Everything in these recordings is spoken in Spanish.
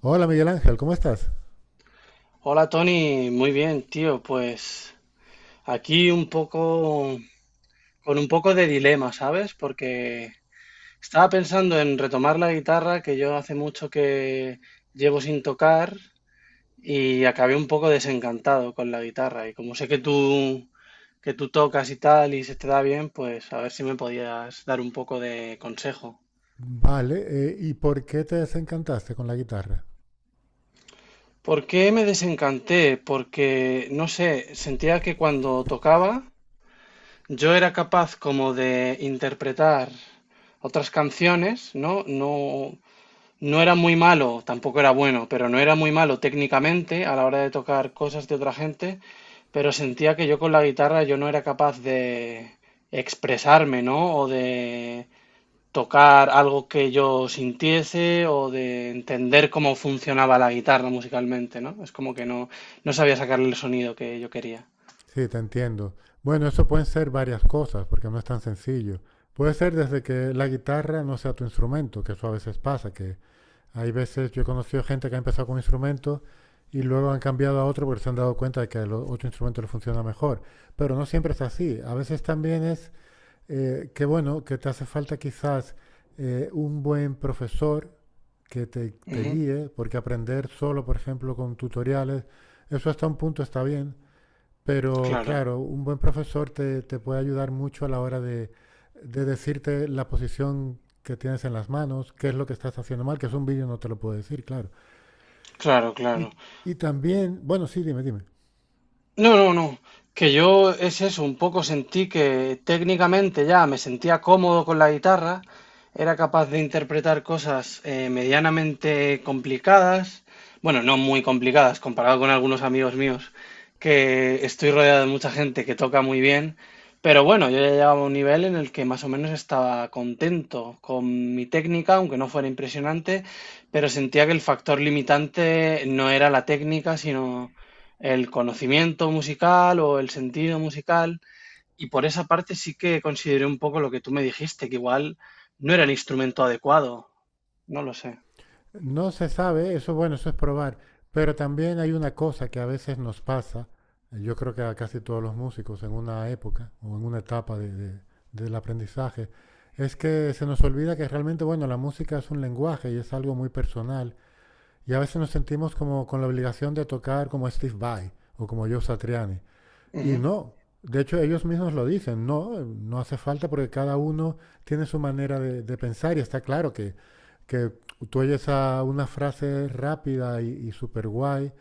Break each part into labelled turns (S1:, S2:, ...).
S1: Hola Miguel Ángel, ¿cómo estás?
S2: Hola Tony, muy bien, tío. Pues aquí un poco, con un poco de dilema, ¿sabes? Porque estaba pensando en retomar la guitarra, que yo hace mucho que llevo sin tocar, y acabé un poco desencantado con la guitarra. Y como sé que tú tocas y tal, y se te da bien, pues a ver si me podías dar un poco de consejo.
S1: Vale, ¿y por qué te desencantaste con la guitarra?
S2: ¿Por qué me desencanté? Porque, no sé, sentía que cuando tocaba yo era capaz como de interpretar otras canciones, ¿no? No, no era muy malo, tampoco era bueno, pero no era muy malo técnicamente a la hora de tocar cosas de otra gente, pero sentía que yo con la guitarra yo no era capaz de expresarme, ¿no? O de tocar algo que yo sintiese o de entender cómo funcionaba la guitarra musicalmente, ¿no? Es como que no, no sabía sacarle el sonido que yo quería.
S1: Sí, te entiendo. Bueno, eso pueden ser varias cosas, porque no es tan sencillo. Puede ser desde que la guitarra no sea tu instrumento, que eso a veces pasa, que hay veces yo he conocido gente que ha empezado con un instrumento y luego han cambiado a otro porque se han dado cuenta de que otro instrumento le funciona mejor. Pero no siempre es así. A veces también es que, bueno, que te hace falta quizás un buen profesor que te
S2: Ujú.
S1: guíe, porque aprender solo, por ejemplo, con tutoriales, eso hasta un punto está bien, pero
S2: Claro,
S1: claro, un buen profesor te puede ayudar mucho a la hora de decirte la posición que tienes en las manos, qué es lo que estás haciendo mal, que es un vídeo no te lo puedo decir, claro.
S2: claro,
S1: Y,
S2: claro.
S1: y también, bueno, sí, dime, dime.
S2: No, no, no. Que yo es eso, un poco sentí que técnicamente ya me sentía cómodo con la guitarra, era capaz de interpretar cosas medianamente complicadas, bueno, no muy complicadas comparado con algunos amigos míos, que estoy rodeado de mucha gente que toca muy bien, pero bueno, yo ya llegaba a un nivel en el que más o menos estaba contento con mi técnica, aunque no fuera impresionante, pero sentía que el factor limitante no era la técnica, sino el conocimiento musical o el sentido musical. Y por esa parte sí que consideré un poco lo que tú me dijiste, que igual no era el instrumento adecuado. No lo sé.
S1: No se sabe, eso bueno, eso es probar. Pero también hay una cosa que a veces nos pasa, yo creo que a casi todos los músicos en una época o en una etapa del aprendizaje, es que se nos olvida que realmente, bueno, la música es un lenguaje y es algo muy personal. Y a veces nos sentimos como con la obligación de tocar como Steve Vai o como Joe Satriani. Y
S2: Ujú,
S1: no, de hecho ellos mismos lo dicen, no, no hace falta porque cada uno tiene su manera de pensar y está claro que tú oyes a una frase rápida y súper guay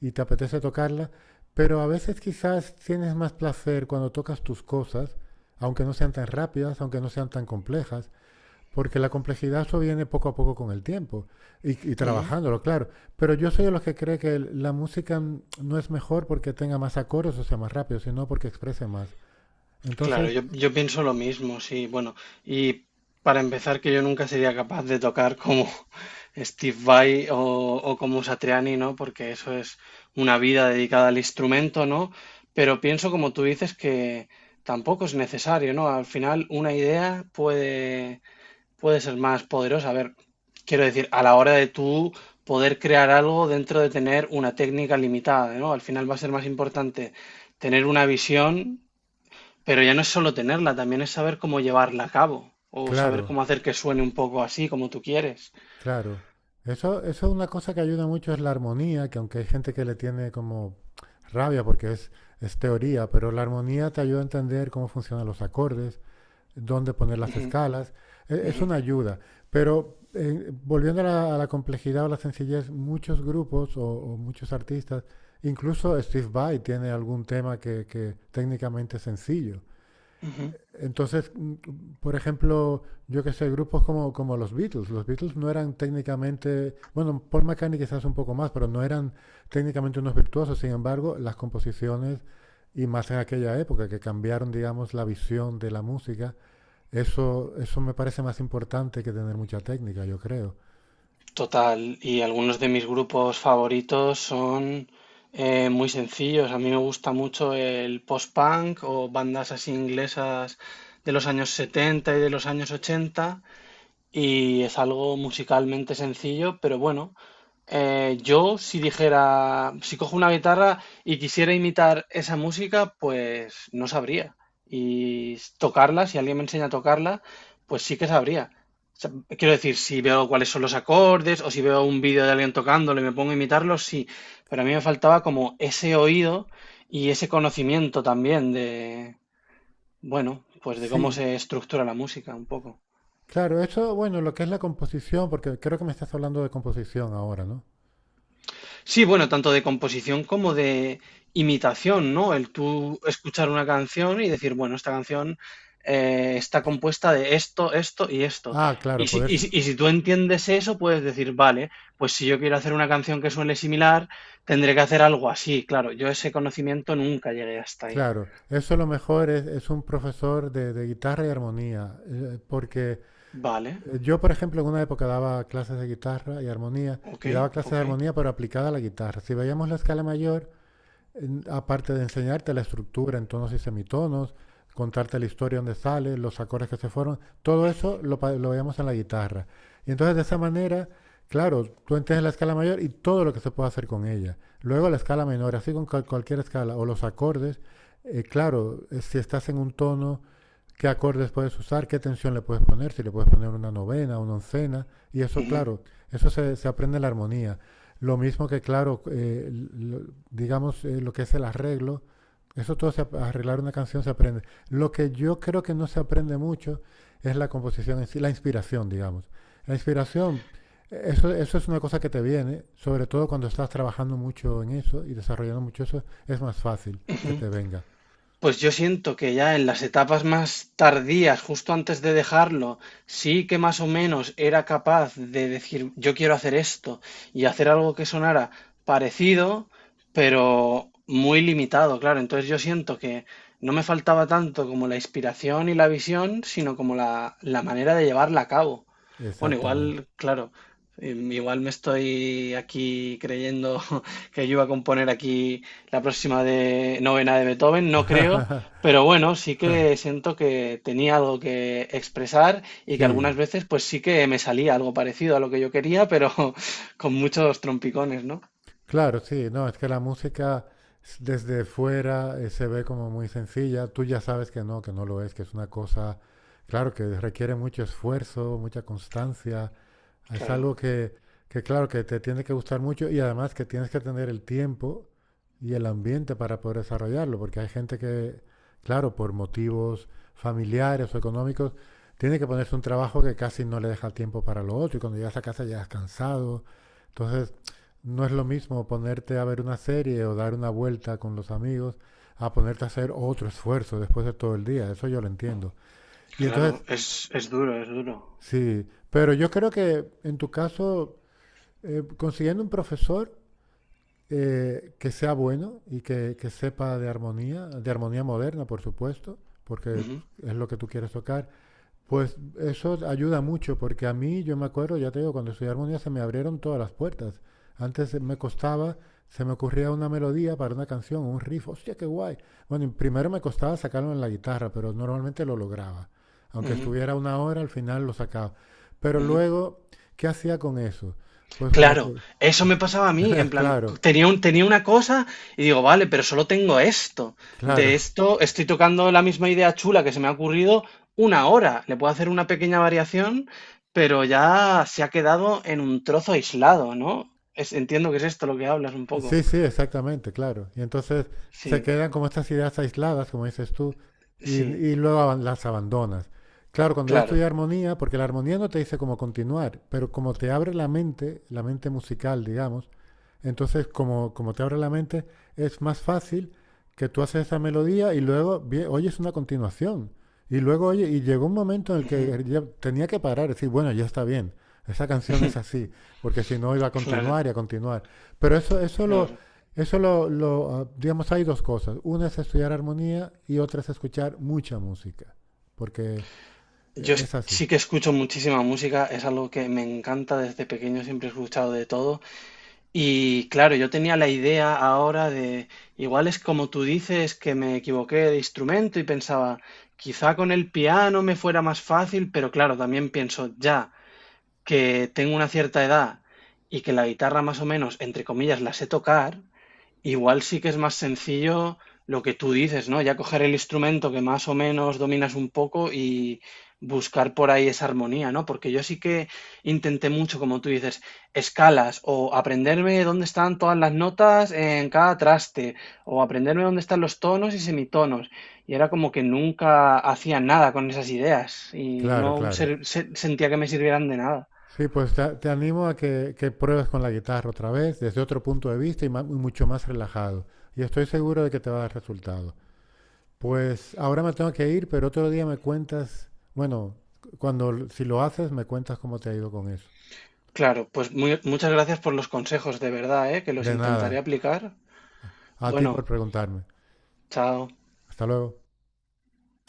S1: y te apetece tocarla, pero a veces quizás tienes más placer cuando tocas tus cosas, aunque no sean tan rápidas, aunque no sean tan complejas, porque la complejidad viene poco a poco con el tiempo y
S2: ujú.
S1: trabajándolo, claro. Pero yo soy de los que cree que la música no es mejor porque tenga más acordes o sea más rápido, sino porque exprese más.
S2: Claro,
S1: Entonces,
S2: yo pienso lo mismo, sí. Bueno, y para empezar, que yo nunca sería capaz de tocar como Steve Vai o como Satriani, ¿no? Porque eso es una vida dedicada al instrumento, ¿no? Pero pienso, como tú dices, que tampoco es necesario, ¿no? Al final, una idea puede ser más poderosa. A ver, quiero decir, a la hora de tú poder crear algo dentro de tener una técnica limitada, ¿no? Al final va a ser más importante tener una visión, pero ya no es solo tenerla, también es saber cómo llevarla a cabo o saber
S1: claro,
S2: cómo hacer que suene un poco así como tú quieres.
S1: claro. Eso es una cosa que ayuda mucho, es la armonía, que aunque hay gente que le tiene como rabia porque es teoría, pero la armonía te ayuda a entender cómo funcionan los acordes, dónde poner las
S2: Ujú,
S1: escalas. Es
S2: ujú,
S1: una ayuda, pero volviendo a a la complejidad o la sencillez, muchos grupos o muchos artistas, incluso Steve Vai tiene algún tema que técnicamente es sencillo.
S2: ujú.
S1: Entonces, por ejemplo, yo que sé, grupos como, como los Beatles. Los Beatles no eran técnicamente, bueno, Paul McCartney quizás un poco más, pero no eran técnicamente unos virtuosos. Sin embargo, las composiciones, y más en aquella época, que cambiaron, digamos, la visión de la música, eso me parece más importante que tener mucha técnica, yo creo.
S2: Total, y algunos de mis grupos favoritos son muy sencillos. A mí me gusta mucho el post-punk o bandas así inglesas de los años 70 y de los años 80. Y es algo musicalmente sencillo, pero bueno, yo si dijera, si cojo una guitarra y quisiera imitar esa música, pues no sabría. Y tocarla, si alguien me enseña a tocarla, pues sí que sabría. O sea, quiero decir, si veo cuáles son los acordes o si veo un vídeo de alguien tocándolo y me pongo a imitarlo, sí. Pero a mí me faltaba como ese oído y ese conocimiento también de, bueno, pues de cómo
S1: Sí,
S2: se estructura la música un poco.
S1: claro, eso, bueno, lo que es la composición, porque creo que me estás hablando de composición ahora, ¿no?
S2: Sí, bueno, tanto de composición como de imitación, ¿no? El tú escuchar una canción y decir, bueno, esta canción está compuesta de esto, esto y esto.
S1: Ah,
S2: Y
S1: claro,
S2: si,
S1: poder,
S2: y si tú entiendes eso, puedes decir, vale, pues si yo quiero hacer una canción que suene similar, tendré que hacer algo así. Claro, yo ese conocimiento nunca llegué hasta ahí.
S1: claro, eso lo mejor es un profesor de guitarra y armonía, porque
S2: Vale,
S1: yo, por ejemplo, en una época daba clases de guitarra y armonía,
S2: ok,
S1: y daba clases de
S2: ok.
S1: armonía pero aplicada a la guitarra. Si veíamos la escala mayor, aparte de enseñarte la estructura en tonos y semitonos, contarte la historia donde sale, los acordes que se fueron, todo eso lo, lo veíamos en la guitarra. Y entonces de esa manera, claro, tú entiendes la escala mayor y todo lo que se puede hacer con ella. Luego la escala menor, así con cualquier escala, o los acordes, claro, si estás en un tono qué acordes puedes usar, qué tensión le puedes poner, si le puedes poner una novena, una oncena, y eso,
S2: Ujú,
S1: claro, eso se aprende la armonía. Lo mismo que, claro, digamos, lo que es el arreglo, eso todo, se, arreglar una canción se aprende. Lo que yo creo que no se aprende mucho es la composición en sí, la inspiración, digamos. La inspiración, eso, eso es una cosa que te viene, sobre todo cuando estás trabajando mucho en eso y desarrollando mucho eso, es más fácil que
S2: ujú.
S1: te venga.
S2: Pues yo siento que ya en las etapas más tardías, justo antes de dejarlo, sí que más o menos era capaz de decir, yo quiero hacer esto y hacer algo que sonara parecido, pero muy limitado, claro. Entonces yo siento que no me faltaba tanto como la inspiración y la visión, sino como la manera de llevarla a cabo. Bueno,
S1: Exactamente.
S2: igual, claro, igual me estoy aquí creyendo que yo iba a componer aquí la próxima de novena de Beethoven, no creo, pero bueno, sí que siento que tenía algo que expresar y que algunas
S1: Sí,
S2: veces pues sí que me salía algo parecido a lo que yo quería, pero con muchos trompicones, ¿no?
S1: claro, sí, no, es que la música desde fuera se ve como muy sencilla, tú ya sabes que no lo es, que es una cosa, claro, que requiere mucho esfuerzo, mucha constancia, es
S2: Claro,
S1: algo que claro, que te tiene que gustar mucho y además que tienes que tener el tiempo y el ambiente para poder desarrollarlo, porque hay gente que, claro, por motivos familiares o económicos, tiene que ponerse un trabajo que casi no le deja tiempo para lo otro y cuando llegas a casa ya has cansado. Entonces, no es lo mismo ponerte a ver una serie o dar una vuelta con los amigos a ponerte a hacer otro esfuerzo después de todo el día. Eso yo lo entiendo. Y
S2: claro,
S1: entonces,
S2: es duro, es duro.
S1: sí, pero yo creo que en tu caso, consiguiendo un profesor que sea bueno y que sepa de armonía moderna, por supuesto, porque
S2: Ujú,
S1: es lo que tú quieres tocar. Pues eso ayuda mucho, porque a mí, yo me acuerdo, ya te digo, cuando estudié armonía se me abrieron todas las puertas. Antes me costaba, se me ocurría una melodía para una canción, un riff, hostia, qué guay. Bueno, y primero me costaba sacarlo en la guitarra, pero normalmente lo lograba. Aunque
S2: ujú,
S1: estuviera una hora, al final lo sacaba. Pero
S2: ujú.
S1: luego, ¿qué hacía con eso? Pues como
S2: Claro,
S1: que,
S2: eso me pasaba a mí, en plan,
S1: claro,
S2: tenía un, tenía una cosa y digo, vale, pero solo tengo esto. De
S1: claro.
S2: esto estoy tocando la misma idea chula que se me ha ocurrido una hora. Le puedo hacer una pequeña variación, pero ya se ha quedado en un trozo aislado, ¿no? Entiendo que es esto lo que hablas un poco.
S1: Sí, sí, exactamente, claro. Y entonces se
S2: Sí,
S1: quedan como estas ideas aisladas, como dices tú,
S2: sí,
S1: y luego las abandonas. Claro, cuando yo estudié
S2: claro.
S1: armonía, porque la armonía no te dice cómo continuar, pero como te abre la mente musical, digamos, entonces como, como te abre la mente, es más fácil que tú haces esa melodía y luego oyes una continuación. Y luego, oye, y llegó un momento en el
S2: Ujú.
S1: que ya tenía que parar, decir, bueno, ya está bien, esa canción es así, porque si no iba a
S2: Claro,
S1: continuar y a continuar. Pero eso,
S2: claro.
S1: eso digamos, hay dos cosas. Una es estudiar armonía y otra es escuchar mucha música, porque
S2: Yo
S1: es así.
S2: sí que escucho muchísima música, es algo que me encanta desde pequeño, siempre he escuchado de todo. Y claro, yo tenía la idea ahora de, igual es como tú dices, que me equivoqué de instrumento y pensaba, quizá con el piano me fuera más fácil, pero claro, también pienso ya que tengo una cierta edad y que la guitarra más o menos, entre comillas, la sé tocar. Igual sí que es más sencillo lo que tú dices, ¿no? Ya coger el instrumento que más o menos dominas un poco y buscar por ahí esa armonía, ¿no? Porque yo sí que intenté mucho, como tú dices, escalas o aprenderme dónde están todas las notas en cada traste o aprenderme dónde están los tonos y semitonos. Y era como que nunca hacía nada con esas ideas y
S1: Claro,
S2: no
S1: claro.
S2: sentía que me sirvieran de nada.
S1: Sí, pues te animo a que pruebes con la guitarra otra vez, desde otro punto de vista y mucho más relajado. Y estoy seguro de que te va a dar resultado. Pues ahora me tengo que ir, pero otro día me cuentas, bueno, si lo haces, me cuentas cómo te ha ido con eso.
S2: Claro, pues muchas gracias por los consejos, de verdad, ¿eh? Que los
S1: De nada.
S2: intentaré aplicar.
S1: A a ti por
S2: Bueno.
S1: preguntarme.
S2: Chao.
S1: Hasta luego.